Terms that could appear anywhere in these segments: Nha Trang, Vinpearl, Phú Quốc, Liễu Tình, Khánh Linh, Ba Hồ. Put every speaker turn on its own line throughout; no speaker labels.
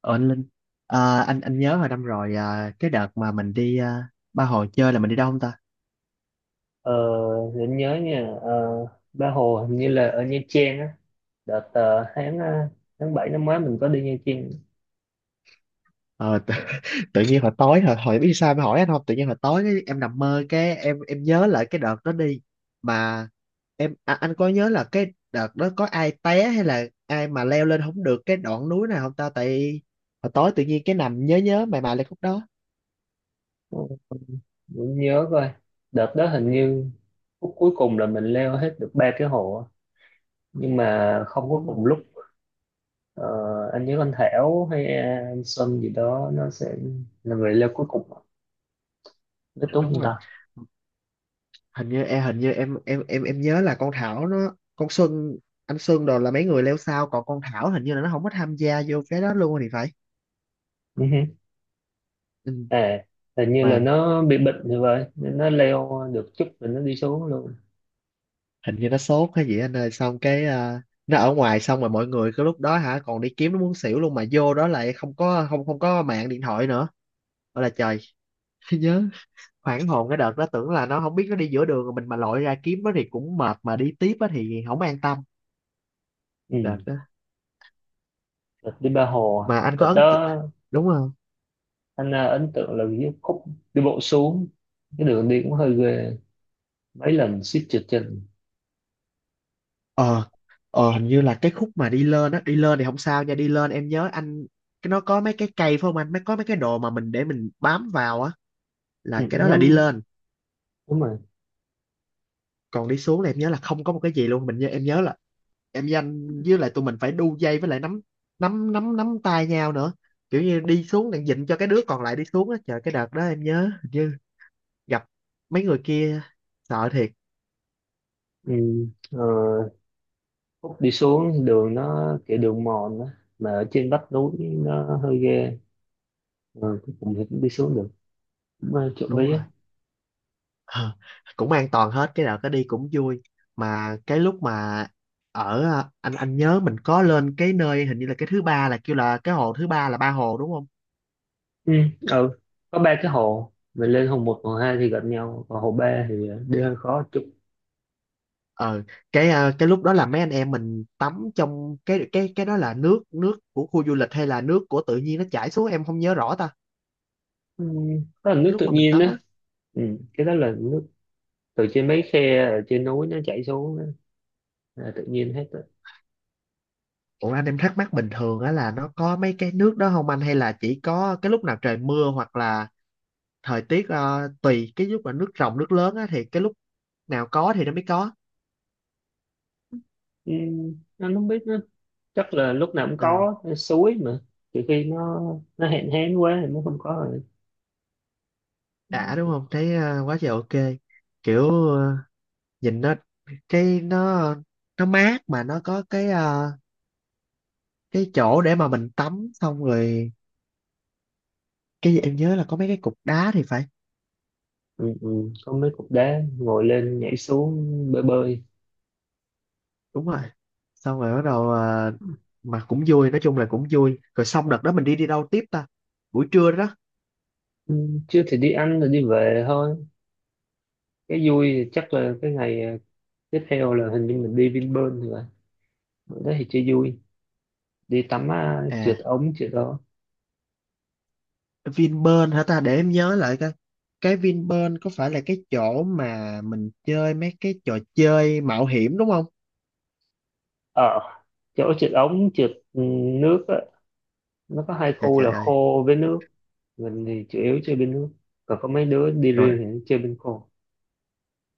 Ờ anh Linh à, anh nhớ hồi năm rồi à, cái đợt mà mình đi à, ba hồi chơi là mình đi đâu không ta?
Ờ, để anh nhớ nha, Ba Hồ hình như là ở Nha Trang á. Đợt tháng 7 năm ngoái mình có đi Nha Trang.
Ờ, tự, Tự nhiên hồi tối hồi hồi biết sao em hỏi anh không? Tự nhiên hồi tối cái, em nằm mơ cái em nhớ lại cái đợt đó đi mà. Em à, anh có nhớ là cái đợt đó có ai té hay là ai mà leo lên không được cái đoạn núi này không ta? Tại hồi tối tự nhiên cái nằm nhớ nhớ mày mày lại khúc đó
Ừ, để anh nhớ coi. Đợt đó hình như phút cuối cùng là mình leo hết được ba cái hồ á. Nhưng mà không có
đúng không?
cùng lúc. Ờ, anh nhớ anh Thảo hay, anh Xuân gì đó nó sẽ là người leo cuối cùng, nó tốn
Đúng
không
rồi.
ta?
Hình như em nhớ là con Thảo, nó, con Xuân, anh Xuân đồ là mấy người leo sao, còn con Thảo hình như là nó không có tham gia vô cái đó luôn thì phải.
Ừ hứ.
Ừ.
À, hình như là
Mà
nó bị bệnh thì vậy nên nó leo được chút rồi nó đi xuống luôn.
hình như nó sốt hay gì anh ơi, xong cái à, nó ở ngoài, xong rồi mọi người cái lúc đó hả còn đi kiếm nó muốn xỉu luôn, mà vô đó lại không có, không không có mạng điện thoại nữa. Ôi là trời. Nhớ hoảng hồn cái đợt đó, tưởng là nó không biết nó đi giữa đường rồi, mình mà lội ra kiếm nó thì cũng mệt, mà đi tiếp á thì không an tâm.
Ừ.
Đợt đó
Đợt đi ba hồ à.
mà anh có
Đợt đó
đúng không?
anh, ấn tượng là cái khúc đi bộ xuống, cái đường đi cũng hơi ghê, mấy lần suýt trượt chân.
ờ Hình như là cái khúc mà đi lên á, đi lên thì không sao nha, đi lên em nhớ anh, cái nó có mấy cái cây phải không anh, có mấy cái đồ mà mình để mình bám vào á, là
Ừ,
cái đó là đi
ngắm.
lên.
Đúng rồi.
Còn đi xuống là em nhớ là không có một cái gì luôn, mình nhớ, em nhớ là em với anh với lại tụi mình phải đu dây, với lại nắm nắm nắm nắm tay nhau nữa. Kiểu như đi xuống đang dịnh cho cái đứa còn lại đi xuống, á trời cái đợt đó em nhớ hình như gặp mấy người kia, sợ thiệt.
Ừ. ờ, Khúc đi xuống đường nó kiểu đường mòn đó. Mà ở trên vách núi nó hơi ghê. Ừ, cuối cùng thì cũng đi xuống được, cũng, trộm
Đúng
vía.
rồi. Ờ, Cũng an toàn hết, cái nào cái đi cũng vui. Mà cái lúc mà anh nhớ mình có lên cái nơi hình như là cái thứ ba, là kêu là cái hồ thứ ba là ba hồ đúng không?
Ừ. Ừ. Có ba cái hồ, mình lên hồ một hồ hai thì gần nhau, còn hồ ba thì, đi hơi khó chút.
ờ cái lúc đó là mấy anh em mình tắm trong cái đó, là nước nước của khu du lịch hay là nước của tự nhiên nó chảy xuống em không nhớ rõ ta.
Ừ. Đó là nước
Cái
tự
lúc mà mình
nhiên đó.
tắm á.
Ừ. Cái đó là nước từ trên mấy khe ở trên núi nó chảy xuống đó. Là tự nhiên hết.
Ủa anh, em thắc mắc bình thường á là nó có mấy cái nước đó không anh, hay là chỉ có cái lúc nào trời mưa, hoặc là thời tiết à, tùy cái lúc mà nước ròng nước lớn á thì cái lúc nào có thì nó mới có.
Ừ, anh không biết nữa. Chắc là lúc nào cũng
Ừ,
có cái suối mà. Trừ khi nó hạn hán quá thì nó không có rồi.
đã đúng không, thấy quá trời, ok, kiểu nhìn nó cái nó mát, mà nó có cái cái chỗ để mà mình tắm xong rồi, cái gì em nhớ là có mấy cái cục đá thì phải.
Ừ, ừ. Có mấy cục đá ngồi lên nhảy xuống bơi bơi.
Đúng rồi. Xong rồi bắt đầu mà cũng vui, nói chung là cũng vui rồi, xong đợt đó mình đi đi đâu tiếp ta? Buổi trưa đó.
Ừ. Chứ thì đi ăn rồi đi về thôi. Cái vui thì chắc là cái ngày, tiếp theo là hình như mình đi Vinpearl rồi. Ở đó thì chơi vui, đi tắm, trượt
À
ống trượt đó.
Vinpearl hả ta, để em nhớ lại coi, cái Vinpearl có phải là cái chỗ mà mình chơi mấy cái trò chơi mạo hiểm đúng không?
Ở chỗ trượt ống trượt, ừ, nước á, nó có hai
Trời,
khu
trời
là
ơi.
khô với nước. Mình thì chủ yếu chơi bên nước, còn có mấy đứa đi riêng
Rồi
thì chơi bên khô.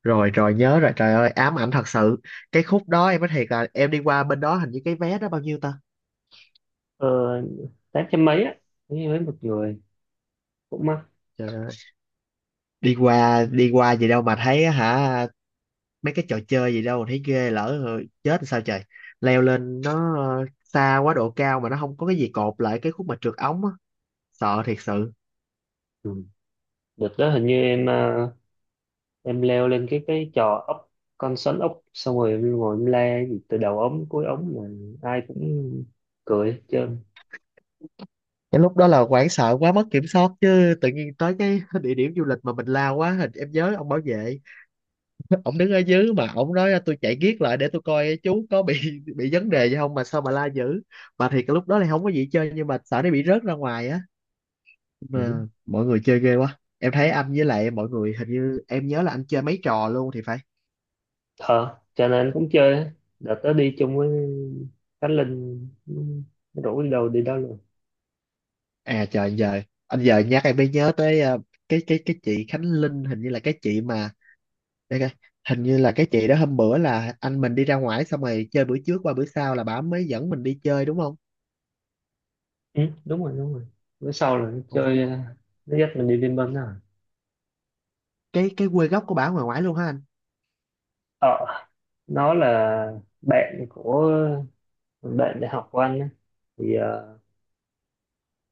rồi rồi, nhớ rồi, trời ơi ám ảnh thật sự. Cái khúc đó em nói thiệt là em đi qua bên đó, hình như cái vé đó bao nhiêu ta?
ờ, Tám trăm mấy á, với một người, cũng mắc.
Trời ơi, đi qua gì đâu mà thấy á hả, mấy cái trò chơi gì đâu mà thấy ghê, lỡ rồi chết sao trời. Leo lên nó xa quá, độ cao mà nó không có cái gì cột lại, cái khúc mà trượt ống á, sợ thiệt sự.
Ừ. Đợt đó hình như em, em leo lên cái trò ốc, con sắn ốc, xong rồi em ngồi em le gì từ đầu ống cuối ống mà ai cũng cười hết trơn.
Cái lúc đó là hoảng sợ quá mất kiểm soát chứ, tự nhiên tới cái địa điểm du lịch mà mình lao quá hình, em nhớ ông bảo vệ, ông đứng ở dưới mà ông nói tôi chạy giết lại để tôi coi chú có bị vấn đề gì không mà sao mà la dữ. Mà thì cái lúc đó thì không có gì chơi, nhưng mà sợ nó bị rớt ra ngoài á,
Ừ.
mà mọi người chơi ghê quá, em thấy anh với lại mọi người hình như em nhớ là anh chơi mấy trò luôn thì phải.
ờ cho nên anh cũng chơi á. Đợt đó đi chung với Khánh Linh, nó rủ đi đâu đi đó luôn.
À trời, anh giờ nhắc em mới nhớ tới cái chị Khánh Linh, hình như là cái chị mà để coi, hình như là cái chị đó hôm bữa là anh mình đi ra ngoài xong rồi chơi, bữa trước qua bữa sau là bà mới dẫn mình đi chơi đúng không?
Ừ, đúng rồi, đúng rồi. Bữa sau là nó
Ồ,
chơi, nó dắt mình đi Vinpearl đó à.
cái quê gốc của bà ở ngoài ngoài luôn ha anh?
ờ nó là bạn của bạn đại học của anh á, thì,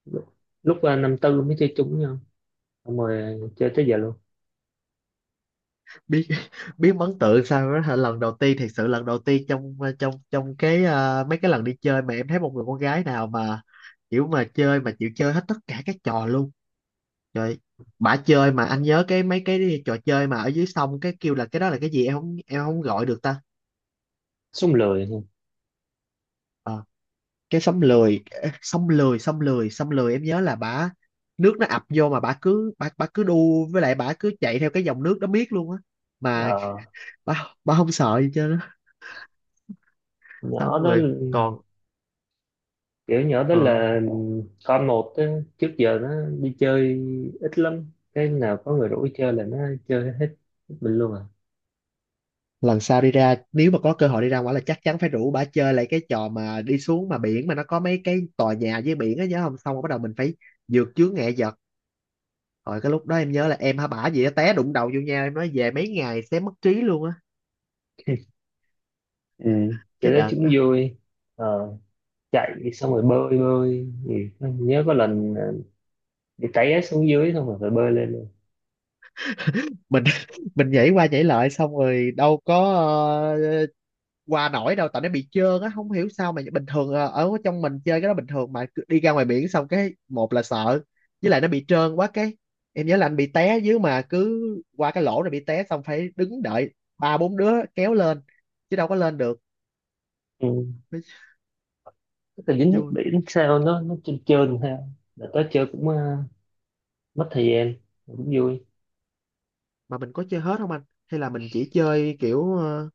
lúc, lúc năm tư mới chơi chung với nhau, xong rồi chơi tới giờ luôn.
Biết, biết ấn tượng sao đó hả? Lần đầu tiên thật sự, lần đầu tiên trong trong trong mấy cái lần đi chơi mà em thấy một người con gái nào mà kiểu mà chơi mà chịu chơi hết tất cả các trò luôn. Trời, bả chơi mà, anh nhớ cái mấy cái trò chơi mà ở dưới sông cái kêu là cái đó là cái gì em không gọi được ta?
Sung lười thôi.
Ờ, cái sông lười, sông lười, sông lười, sông lười, em nhớ là bả, nước nó ập vô mà bả cứ đu với lại bả cứ chạy theo cái dòng nước đó miết luôn á, mà
ờ,
bả bả không sợ gì chứ.
Nhỏ
Xong
đó,
rồi còn
kiểu nhỏ đó
ờ
là con một á, trước giờ nó đi chơi ít lắm, cái nào có người rủ đi chơi là nó chơi hết hết mình luôn à.
lần sau đi ra, nếu mà có cơ hội đi ra ngoài là chắc chắn phải rủ bà chơi lại cái trò mà đi xuống mà biển mà nó có mấy cái tòa nhà với biển á, nhớ không, xong rồi bắt đầu mình phải vượt chướng ngại vật. Rồi cái lúc đó em nhớ là em hả bả gì á té đụng đầu vô nhau, em nói về mấy ngày sẽ mất trí luôn á,
Ừ.
cái
Chơi đó
đợt
chúng
đó.
vui. ờ, Chạy xong rồi bơi bơi thì nhớ có lần, bị té xuống dưới xong rồi phải bơi lên luôn.
Mình mình nhảy qua nhảy lại xong rồi đâu có qua nổi đâu, tại nó bị trơn á không hiểu sao mà bình thường ở trong mình chơi cái đó bình thường, mà cứ đi ra ngoài biển xong cái một là sợ, với lại nó bị trơn quá cái em nhớ là anh bị té dưới mà cứ qua cái lỗ rồi bị té, xong phải đứng đợi ba bốn đứa kéo lên chứ đâu có lên được.
Ừ.
Mới
Cái dính nước
vui.
biển sao nó trơn trơn ha. Là tới chơi cũng, mất thời gian mà cũng vui.
Mà mình có chơi hết không anh, hay là mình chỉ chơi kiểu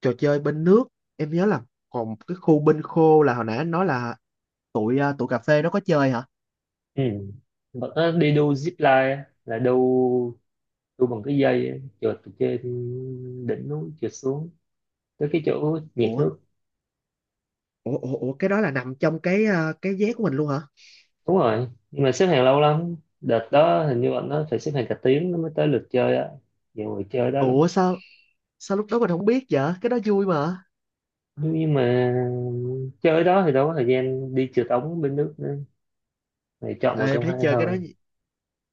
trò chơi bên nước, em nhớ là, còn cái khu bên khô là hồi nãy anh nói là tụi cà phê nó có chơi hả?
Ừ. Mà có đi đu zip line á, là đu đu bằng cái dây á, trượt từ trên đỉnh núi trượt xuống tới cái chỗ nhiệt
Ủa,
nước.
ủa, ủa, ủa cái đó là nằm trong cái cái vé của mình luôn hả?
Đúng rồi, nhưng mà xếp hàng lâu lắm. Đợt đó hình như bọn nó phải xếp hàng cả tiếng nó mới tới lượt chơi á, nhiều người chơi đó lắm.
Ủa, sao sao lúc đó mình không biết vậy, cái đó vui mà.
Nhưng mà chơi đó thì đâu có thời gian đi trượt ống bên nước nữa, thì chọn
Ờ,
một
em
trong
thấy
hai
chơi cái đó,
thôi.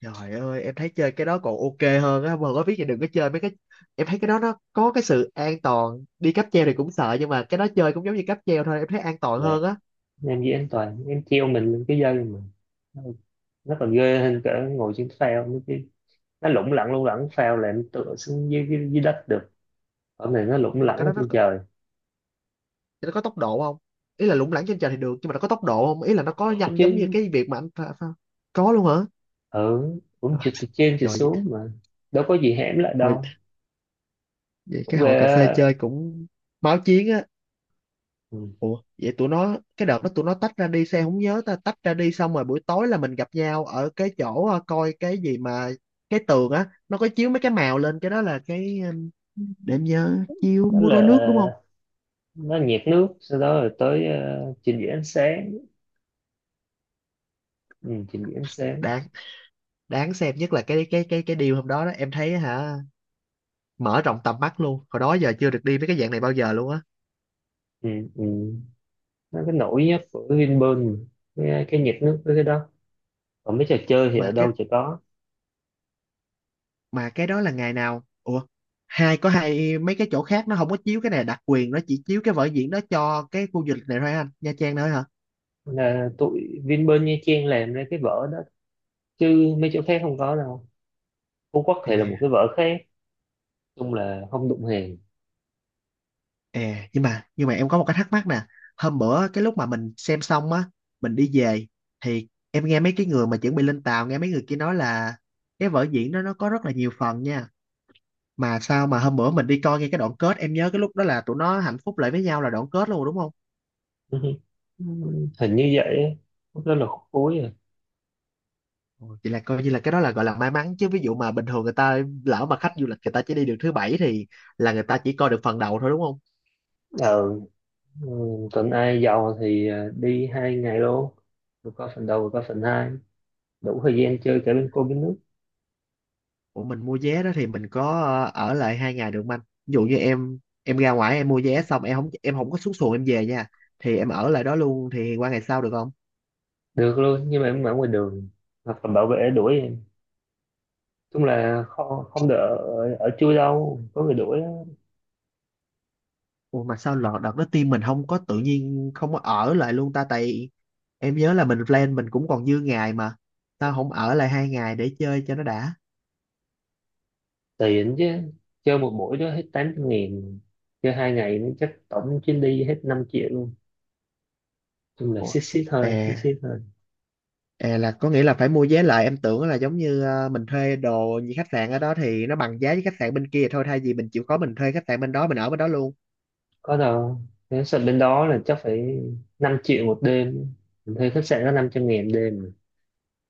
trời ơi em thấy chơi cái đó còn ok hơn á, mà có biết thì đừng có chơi mấy cái, em thấy cái đó nó có cái sự an toàn, đi cáp treo thì cũng sợ nhưng mà cái đó chơi cũng giống như cáp treo thôi, em thấy an toàn
Là
hơn á.
em với anh Toàn em treo mình lên cái dây mà, nó nó còn ghê hơn cả ngồi trên phao nữa chứ. Nó lủng lẳng lủng lẳng, phao là em tựa xuống dưới đất được, ở này nó lủng
Nhưng mà
lẳng
cái
ở
đó
trên trời
nó có tốc độ không? Ý là lủng lẳng trên trời thì được nhưng mà nó có tốc độ không, ý là nó có nhanh giống như
chứ.
cái việc mà anh có luôn hả?
Ừ, cũng
Rồi
trượt từ trên trượt
trời.
xuống mà, đâu có gì hẻm lại
Thôi,
đâu.
vậy
Cũng
cái
ghê
hội cà phê
á.
chơi cũng máu chiến á.
Ừ.
Ủa, vậy tụi nó cái đợt đó tụi nó tách ra đi sao em không nhớ ta, tách ra đi xong rồi buổi tối là mình gặp nhau ở cái chỗ coi cái gì mà cái tường á nó có chiếu mấy cái màu lên, cái đó là cái để em nhớ, chiếu
Đó
múa rối nước đúng không?
là nó nhiệt nước, sau đó rồi tới, trình diễn ánh sáng. Ừ, trình diễn ánh sáng.
Đáng đáng xem nhất là cái điều hôm đó đó, em thấy hả, mở rộng tầm mắt luôn, hồi đó giờ chưa được đi mấy cái dạng này bao giờ luôn á.
Ừ, ừ. Nó cái nổi nhất của Vinpearl mà. Cái nhiệt nước với cái đó, còn mấy trò chơi thì
mà
ở
cái
đâu chả có.
mà cái đó là ngày nào ủa, hai có hai mấy cái chỗ khác nó không có chiếu cái này, đặc quyền nó chỉ chiếu cái vở diễn đó cho cái khu du lịch này thôi anh, Nha Trang thôi hả?
Là tụi Vinpearl Nha Trang làm ra cái vở đó, chứ mấy chỗ khác không có đâu. Phú Quốc thì là một cái vở khác, chung là không đụng hàng.
À, nhưng mà em có một cái thắc mắc nè. Hôm bữa cái lúc mà mình xem xong á, mình đi về, thì em nghe mấy cái người mà chuẩn bị lên tàu, nghe mấy người kia nói là cái vở diễn đó nó có rất là nhiều phần nha. Mà sao mà hôm bữa mình đi coi ngay cái đoạn kết, em nhớ cái lúc đó là tụi nó hạnh phúc lại với nhau là đoạn kết luôn, đúng không?
Hình như vậy á. Lúc đó là khúc cuối rồi.
Ồ, vậy là coi như là cái đó là gọi là may mắn chứ, ví dụ mà bình thường người ta, lỡ mà khách du lịch người ta chỉ đi được thứ bảy thì là người ta chỉ coi được phần đầu thôi đúng không?
ờ ừ, tuần ai giàu thì, đi 2 ngày luôn, vừa có phần đầu vừa có phần hai, đủ thời gian chơi cả bên cô bên nước.
Ủa mình mua vé đó thì mình có ở lại 2 ngày được không anh? Ví dụ như em ra ngoài em mua vé, xong em không có xuống xuồng em về nha. Thì em ở lại đó luôn thì qua ngày sau được không?
Được luôn, nhưng mà em ở ngoài đường hoặc là bảo vệ đuổi em. Chung là không không được ở chui, đâu có người đuổi.
Ủa mà sao lọt đợt đó team mình không có tự nhiên không có ở lại luôn ta, tại em nhớ là mình plan mình cũng còn dư ngày mà. Sao không ở lại 2 ngày để chơi cho nó đã?
Tiền chứ. Chơi một buổi đó hết 800.000. Chơi hai ngày nó chắc tổng chuyến đi hết 5 triệu luôn. Chung là
Ủa
xít xít
à,
thôi, xít xít thôi.
à là có nghĩa là phải mua vé lại, em tưởng là giống như mình thuê đồ như khách sạn ở đó thì nó bằng giá với khách sạn bên kia thôi, thay vì mình chịu khó mình thuê khách sạn bên đó mình ở bên đó luôn.
Có đâu. Nếu sợ bên đó là chắc phải 5 triệu một đêm. Mình thuê khách sạn có 500.000 đêm mà.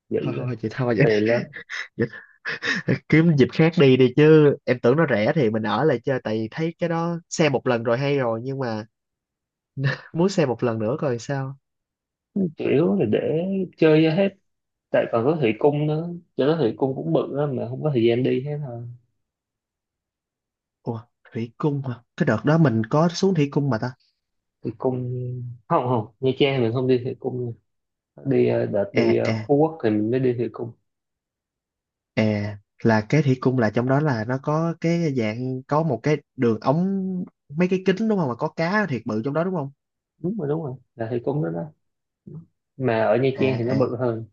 Dữ
Thôi
lắm.
thôi chị,
Có
thôi
tiền lắm.
kiếm dịp khác đi đi chứ, em tưởng nó rẻ thì mình ở lại chơi tại vì thấy cái đó xem một lần rồi hay rồi nhưng mà muốn xem một lần nữa coi sao.
Chủ yếu là để chơi cho hết, tại còn có thủy cung nữa. Cho đó thủy cung cũng bự lắm mà không có thời gian đi hết thôi.
Ủa thủy cung hả, cái đợt đó mình có xuống thủy cung mà ta.
Thủy cung, không, không, Nha Trang mình không đi thủy cung. Đi, đợt đi
À
ờ,
à
Phú Quốc thì mình mới đi thủy cung.
à là cái thủy cung là trong đó là nó có cái dạng có một cái đường ống, mấy cái kính đúng không, mà có cá thiệt bự trong đó đúng không?
Đúng rồi, đúng rồi, là thủy cung đó đó. Mà ở Nha
À
Trang thì nó
à
bự hơn.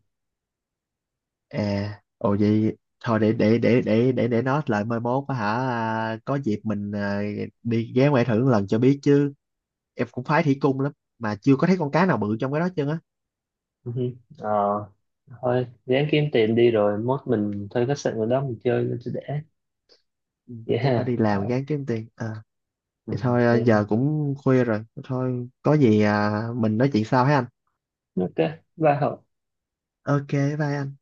à, ồ vậy thôi, để nó lại mai mốt á hả, à, có dịp mình à, đi ghé ngoài thử một lần cho biết chứ, em cũng khoái thủy cung lắm mà chưa có thấy con cá nào bự trong cái đó trơn á.
Ừ hử. ờ Thôi ráng kiếm tiền đi rồi mốt mình thuê khách sạn ở đó mình chơi nó sẽ đẻ.
Ừ,
Dễ. Dạ
chắc phải
ha.
đi làm
Ờ,
gán kiếm tiền à.
ừ.
Vậy thôi à,
Ừ.
giờ cũng khuya rồi, thôi có gì à, mình nói chuyện sau ha anh.
OK, bye Hậu.
Ok, bye anh.